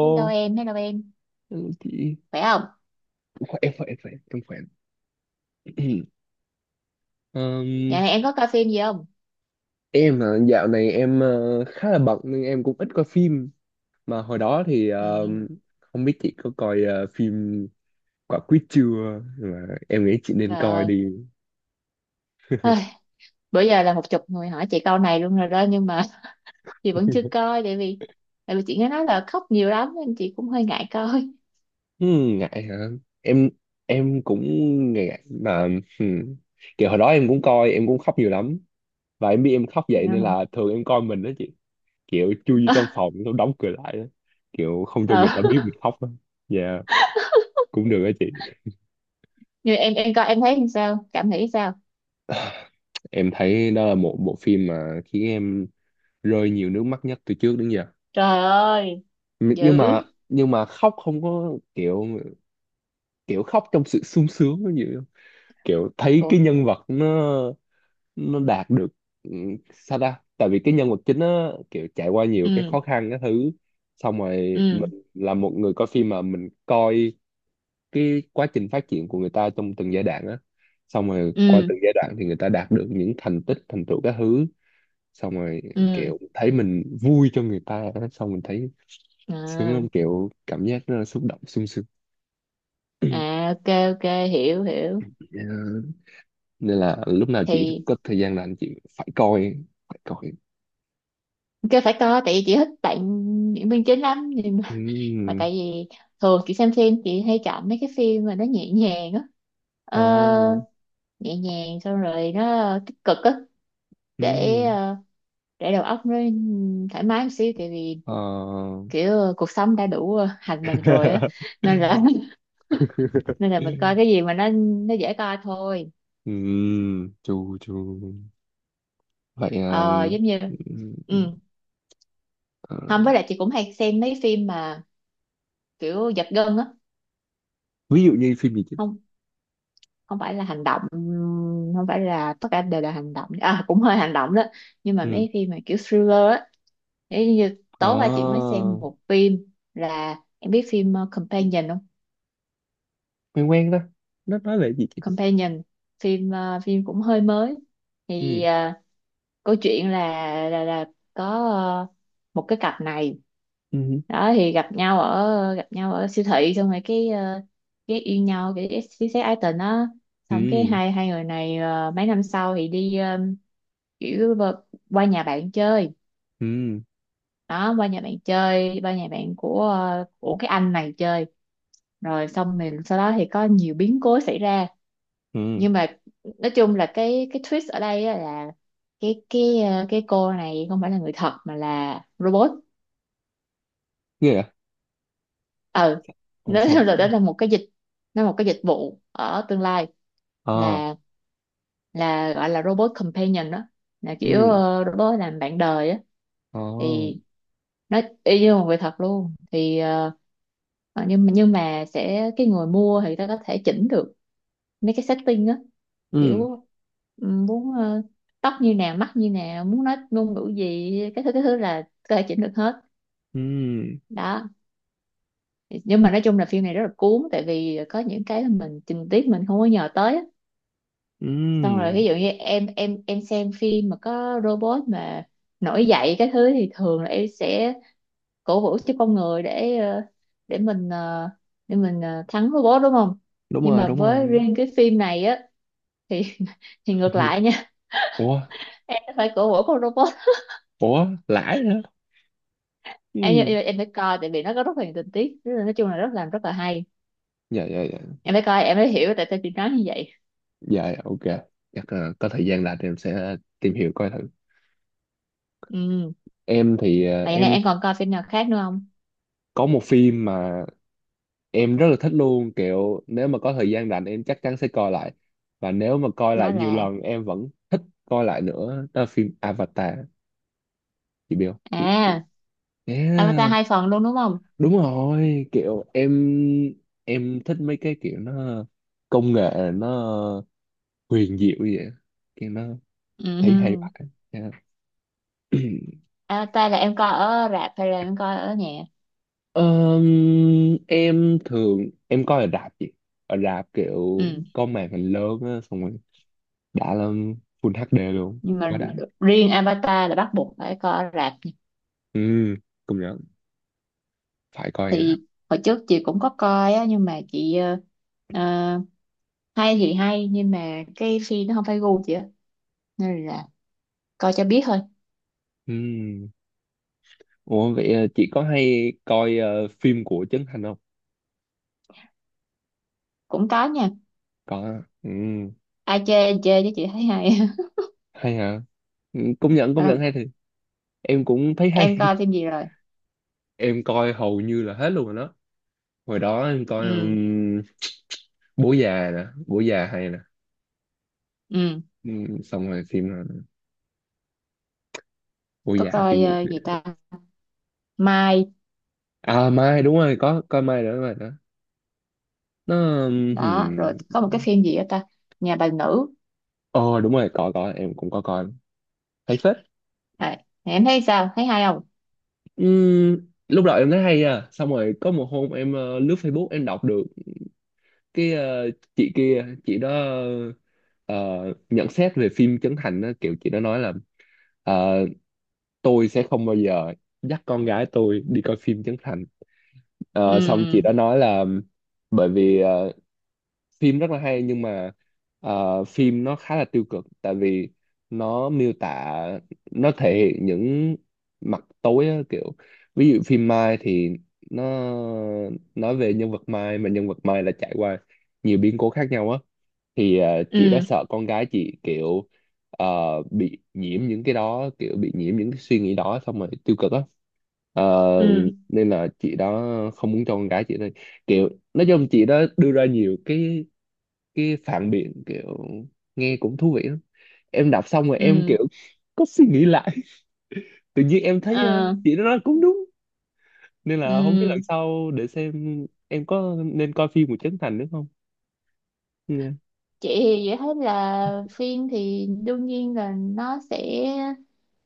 Hello em, hello em. hello chị. Khỏe không? Khỏe, khỏe, khỏe, em khỏe. Ừm, Dạo này em có coi phim gì không? em là dạo này em khá là bận nên em cũng ít coi phim. Mà hồi đó thì Ừ, không biết chị có coi phim Quả Quýt chưa? Mà em nghĩ chị nên trời coi ơi. đi. Ôi, bữa giờ là một chục người hỏi chị câu này luôn rồi đó, nhưng mà chị vẫn chưa coi, tại vì chị nghe nói là khóc nhiều lắm nên chị cũng hơi ngại coi. Hmm, ngại hả? Em em cũng ngại mà hmm. Kiểu hồi đó em cũng coi, em cũng khóc nhiều lắm. Và em biết em khóc vậy Hiểu nên không? là thường em coi mình đó kiểu chui vô trong phòng xong đóng cửa lại á, kiểu không cho Ờ. người ta biết mình khóc á. Dạ, cũng được á chị. Như em coi em thấy làm sao? Cảm nghĩ sao? Em thấy đó là một bộ phim mà khiến em rơi nhiều nước mắt nhất từ trước đến giờ. Trời ơi, Nhưng mà dữ. nhưng mà khóc không có kiểu, kiểu khóc trong sự sung sướng nó nhiều, kiểu thấy Ủa. cái nhân vật nó đạt được, ừ, sao ta, tại vì cái nhân vật chính nó kiểu trải qua nhiều cái Ừ, khó khăn cái thứ, xong rồi ừ, mình là một người coi phim mà mình coi cái quá trình phát triển của người ta trong từng giai đoạn á, xong rồi qua ừ, từng giai đoạn thì người ta đạt được những thành tích thành tựu các thứ, xong rồi ừ. kiểu thấy mình vui cho người ta á, xong mình thấy sướng À, lắm, kiểu cảm giác nó xúc động sung sướng. à, ok ok, hiểu hiểu. Ờ, nên là lúc nào chị Thì có thời gian là anh chị phải coi, phải coi. ok phải coi, tại vì chị thích bạn diễn viên chính lắm, nhưng mà Ừm, tại vì thường chị xem phim chị hay chọn mấy cái phim mà nó nhẹ nhàng á. ờ, Ờ, nhẹ nhàng xong rồi nó tích cực á, để ừm, ờ, để đầu óc nó thoải mái một xíu, tại vì ờ. kiểu cuộc sống đã đủ hành mình rồi á, nên là nên là mình coi cái gì mà nó dễ coi thôi. Chu chu, vậy Ờ Giống như ừm, ừ, ờ, không, với lại chị cũng hay xem mấy phim mà kiểu giật gân á. ví dụ như phim gì chứ? Không, không phải là hành động, không phải là tất cả đều là hành động, à cũng hơi hành động đó, nhưng mà Ừ, mấy phim mà kiểu thriller á. Thế như ờ, tối qua chị mới xem một phim, là em biết phim Companion không? quen quen đó, nó nói về gì chứ? Companion, phim phim cũng hơi mới. Ừ, Thì câu chuyện là có một cái cặp này ừ, đó, thì gặp nhau ở siêu thị, xong rồi cái yêu nhau, cái xí xét ái tình á. Xong cái ừ, hai hai người này mấy năm sau thì đi kiểu qua nhà bạn chơi, ừ, đó qua nhà bạn chơi, qua nhà bạn của cái anh này chơi, rồi xong mình sau đó thì có nhiều biến cố xảy ra. ừ, Nhưng mà nói chung là cái twist ở đây á là cái cô này không phải là người thật mà là robot. ghê à? Ừ, Ồ nó sao? là đó là một cái dịch, nó là một cái dịch vụ ở tương lai, Ờ, là là gọi là robot companion đó, là kiểu ừ, robot làm bạn đời á. ờ, Thì nó y như một người thật luôn. Thì nhưng mà sẽ cái người mua thì ta có thể chỉnh được mấy cái setting á. ừ, Kiểu muốn tóc như nào, mắt như nào, muốn nói ngôn ngữ gì, cái thứ là có thể chỉnh được hết ừ, đó. Nhưng mà nói chung là phim này rất là cuốn, tại vì có những cái là mình tình tiết mình không có nhờ tới á. Xong rồi ừ, ví dụ như em xem phim mà có robot mà nổi dậy cái thứ, thì thường là em sẽ cổ vũ cho con người, để ờ, để mình ờ, để mình ờ, thắng robot đúng không. đúng Nhưng rồi, mà đúng với rồi. riêng cái phim này á thì thì ngược lại nha. Ủa, Em phải cổ vũ con robot. ủa lãi hả? em em, Ừ, em phải coi, tại vì nó có rất là nhiều tình tiết. Nói chung là rất làm rất là hay. dạ dạ dạ. Em phải coi em mới hiểu tại sao chị nói như vậy. Dạ dạ, ok. Chắc là có thời gian là em sẽ tìm hiểu coi thử. Ừ, Em thì vậy này em còn coi phim nào khác nữa không? có một phim mà em rất là thích luôn, kiểu nếu mà có thời gian rảnh em chắc chắn sẽ coi lại, và nếu mà coi Đó lại nhiều là lần em vẫn thích coi lại nữa, đó là phim Avatar. Chị biết không chị? à Avatar Yeah, hai phần luôn đúng không? đúng rồi, kiểu em thích mấy cái kiểu nó, công nghệ nó huyền diệu như vậy, kiểu nó thấy hay Ừ. vậy. Yeah. Avatar là em coi ở rạp hay là em coi ở nhà? Ờm, em thường coi ở rạp chị, ở rạp kiểu Ừ. có màn hình lớn á, xong rồi đã lắm, full HD luôn, Nhưng mà quá đã. riêng Avatar là bắt buộc phải coi ở rạp. Ừ, công nhận, phải coi rồi đó. Thì hồi trước chị cũng có coi á, nhưng mà chị ờ, hay thì hay nhưng mà cái phim nó không phải gu chị á, nên là coi cho biết thôi. Ừ, ủa vậy chị có hay coi phim của Trấn Thành không? Cũng có nha, Có. Ừ, ai chê thì chê chứ chị thấy hay. hay hả? Ừ, công nhận Ừ. hay thì em cũng thấy hay. Em coi phim gì rồi? Em coi hầu như là hết luôn rồi đó. Hồi đó em coi Ừ. Bố già nè, bố già hay nè. Ừ. Xong rồi phim nào nữa? Bố Có già, phim coi gì nữa? gì ta, Mai. À, mai đúng rồi, có coi mai nữa mà đó. Nó Đó rồi ừm, có một cái phim gì đó ta, nhà bà nữ. ờ đúng rồi, có em cũng có coi, thấy phết. Đấy. Thế em thấy sao? Thấy hay không? Lúc đầu em thấy hay à, xong rồi có một hôm em lướt Facebook em đọc được cái chị kia, chị đó ờ, nhận xét về phim Trấn Thành á, kiểu chị đó nói là ờ, tôi sẽ không bao giờ dắt con gái tôi đi coi phim Trấn Thành. Ờ, xong chị Ừ, đó nói là bởi vì phim rất là hay nhưng mà phim nó khá là tiêu cực tại vì nó miêu tả, nó thể hiện những mặt tối á, kiểu ví dụ phim Mai thì nó nói về nhân vật Mai, mà nhân vật Mai là trải qua nhiều biến cố khác nhau á, thì chị đó ừ, sợ con gái chị kiểu ờ, bị nhiễm những cái đó, kiểu bị nhiễm những cái suy nghĩ đó xong rồi tiêu cực á. Ờ, ừ, nên là chị đó không muốn cho con gái chị thôi, kiểu nói chung chị đó đưa ra nhiều cái phản biện, kiểu nghe cũng thú vị lắm. Em đọc xong rồi em ừ, kiểu có suy nghĩ lại. Tự nhiên em thấy ờ, chị nó nói cũng đúng, nên là không biết lần ừ. sau để xem em có nên coi phim của Trấn Thành nữa không nha. Chị thì chị thấy là phim thì đương nhiên là nó sẽ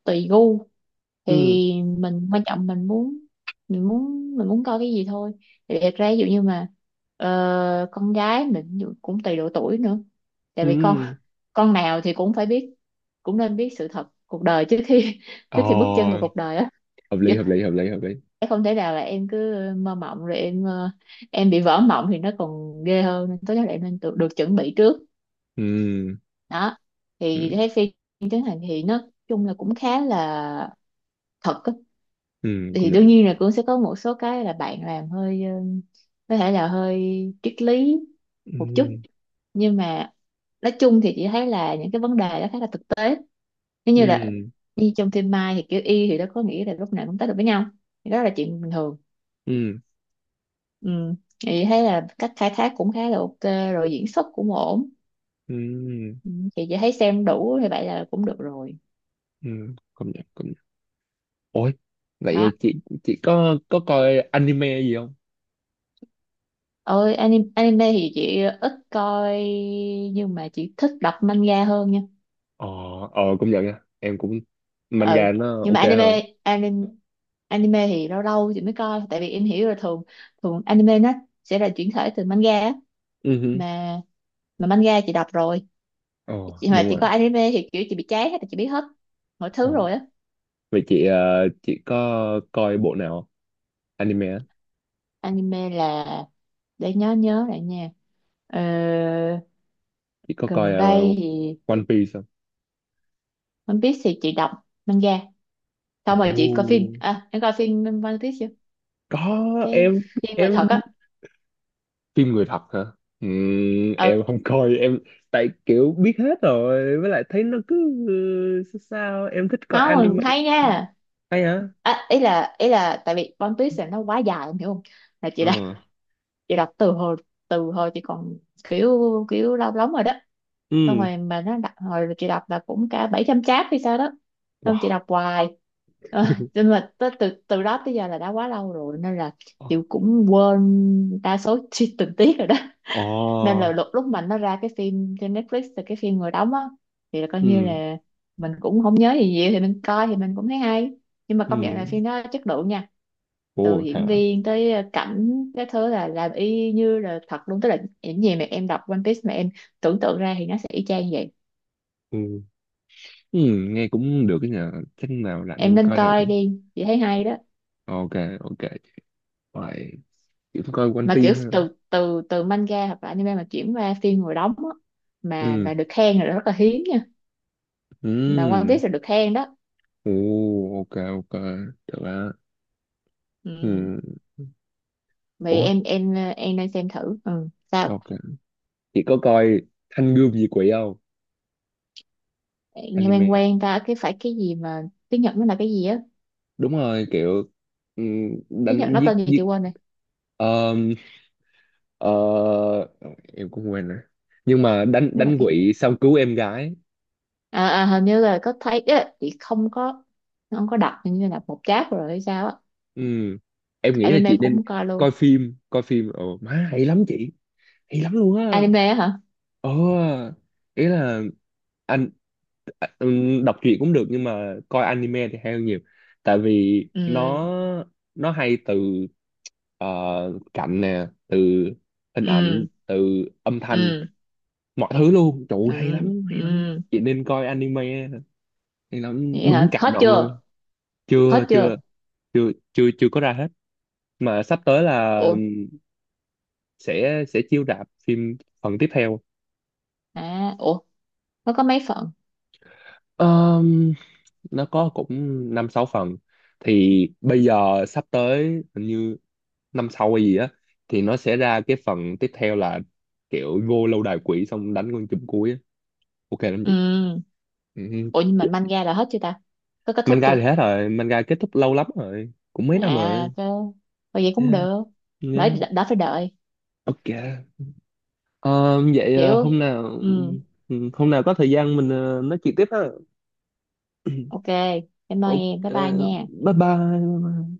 tùy gu. Thì Ừ, mình quan trọng mình muốn mình muốn coi cái gì thôi. Thì thật ra ví dụ như mà con gái mình ví dụ cũng tùy độ tuổi nữa. Tại vì con ừ, con nào thì cũng phải biết, cũng nên biết sự thật cuộc đời trước khi bước chân vào ờ, cuộc đời á. hợp lý hợp lý hợp lý hợp lý. Không thể nào là em cứ mơ mộng rồi em em bị vỡ mộng thì nó còn ghê hơn, nên tốt nhất là em nên được, được chuẩn bị trước Ừ, đó. Thì ừ, thấy phim Trấn Thành thì nó chung là cũng khá là thật á. ừ, Thì công nhận. đương nhiên là cũng sẽ có một số cái là bạn làm hơi có thể là hơi triết lý một chút, Ừ, nhưng mà nói chung thì chị thấy là những cái vấn đề đó khá là thực tế. Nếu như là ừ, như trong phim Mai, thì kiểu y thì nó có nghĩa là lúc nào cũng tới được với nhau thì đó là chuyện bình thường. ừ, Ừ. Chị thấy là cách khai thác cũng khá là ok, rồi diễn xuất cũng ổn. ừ, Ừ. Chị chỉ thấy xem đủ thì vậy là cũng được rồi ừ, công nhận công nhận. Ôi, đó. vậy chị có coi anime gì không? Ôi, anime, anime thì chị ít coi, nhưng mà chị thích đọc manga hơn nha. Ờ, ờ, công nhận nha, em cũng Ừ, manga nó nhưng ok mà hơn. anime anime anime thì lâu lâu chị mới coi, tại vì em hiểu là thường thường anime nó sẽ là chuyển thể từ manga á. Ừ hứ. mà mà manga chị đọc rồi, Ờ, chị mà đúng. Ừ. chị Rồi. coi anime thì kiểu chị bị chán hết, chị biết hết mọi Ờ. thứ rồi á. Vậy chị chị có coi bộ nào không? Anime á. Anime là để nhớ nhớ lại nha. Ờ, Chị có coi gần đây thì One Piece không? One Piece thì chị đọc manga, Ồ. xong rồi chị coi phim, à em coi phim One Piece chưa, Có. cái em phim người thật em á. phim người thật hả? Ừ, Em không coi, em tại kiểu biết hết rồi với lại thấy nó cứ sao sao, em thích coi không anime. mình hay nha. Hay hả? À, ý là tại vì One Piece là nó quá dài em hiểu không, là chị Ừ, vậy là từ hồi chị còn kiểu kiểu lâu lắm rồi đó. Xong ừ, rồi mà nó đặt hồi chị đọc là cũng cả 700 chat hay sao đó, xong chị wow, đọc hoài. Ờ, nhưng mà tới từ từ đó tới giờ là đã quá lâu rồi nên là chị cũng quên đa số chi tình tiết rồi đó. ồ, Nên là lúc lúc mà nó ra cái phim trên Netflix là cái phim người đóng á thì là coi như ừ, là mình cũng không nhớ gì nhiều, thì mình coi thì mình cũng thấy hay. Nhưng mà ừ, công nhận là phim đó chất lượng nha. Từ ồ thế diễn hả? viên tới cảnh cái thứ là làm y như là thật luôn, tức là những gì mà em đọc One Piece mà em tưởng tượng ra thì nó sẽ y chang vậy. Ừ. Ừ, nghe cũng được cái nhà, chắc nào rảnh Em không nên coi thử. coi đi, chị thấy hay đó. Ok, ok, vậy chỉ coi One Mà Piece kiểu ha. từ từ từ manga hoặc là anime mà chuyển qua phim ngồi đóng á, mà Ừ, mà được khen là rất là hiếm nha. Mà One ừ, Piece là được khen đó. ồ, ok ok, được á. Ừ. Ừ, Vì ủa, em em nên xem thử ừ sao. ok chị có coi Thanh Gươm Diệt Quỷ không? Nghe quen Anime. quen ta, cái phải cái gì mà tiếng Nhật nó là cái gì á. Đúng rồi, kiểu ừ, Tiếng Nhật đánh nó giết tên gì chị giết. quên rồi. ờ, ờ, em cũng quên rồi, nhưng mà đánh Nó là đánh cái, quỷ xong cứu em gái. à, à, hình như là có thấy ấy, chị không có đọc, hình như là một cháp rồi hay sao á. Ừ, em nghĩ là Anime chị cũng nên không coi luôn. coi phim, coi phim, ồ má hay lắm chị, hay lắm luôn á. Anime á hả. Ờ, ý là anh, à, đọc truyện cũng được nhưng mà coi anime thì hay hơn nhiều, tại vì Ừ, nó hay từ ờ, cảnh nè, từ hình ảnh, ừ, từ âm thanh, ừ, mọi thứ luôn, trời ơi, hay ừ, lắm ừ. hay lắm, chị nên coi anime, hay lắm Vậy đúng, hả, cảm hết động luôn. chưa? Chưa Hết chưa? chưa, chưa chưa chưa có ra hết, mà sắp tới là Ủa. Sẽ chiếu rạp phim phần tiếp theo. À ủa, nó có mấy phần? Ờ, nó có cũng năm sáu phần, thì bây giờ sắp tới hình như năm sau hay gì á, thì nó sẽ ra cái phần tiếp theo là kiểu vô lâu đài quỷ xong đánh con chùm cuối á. Ok lắm chị. Ừ. Ừ. Ủa nhưng mà manga là hết chưa ta? Có kết thúc Manga chưa? thì hết rồi, manga kết thúc lâu lắm rồi, cũng mấy năm À rồi. cơ, vậy cũng Yeah, được. Đợi yeah. đã, phải đợi Ok. Ờ, vậy kiểu, hôm nào, ừ, ừ, hôm nào có thời gian mình nói chuyện tiếp ha. ok. Cảm ơn Ok, em, bye bye nha. bye bye.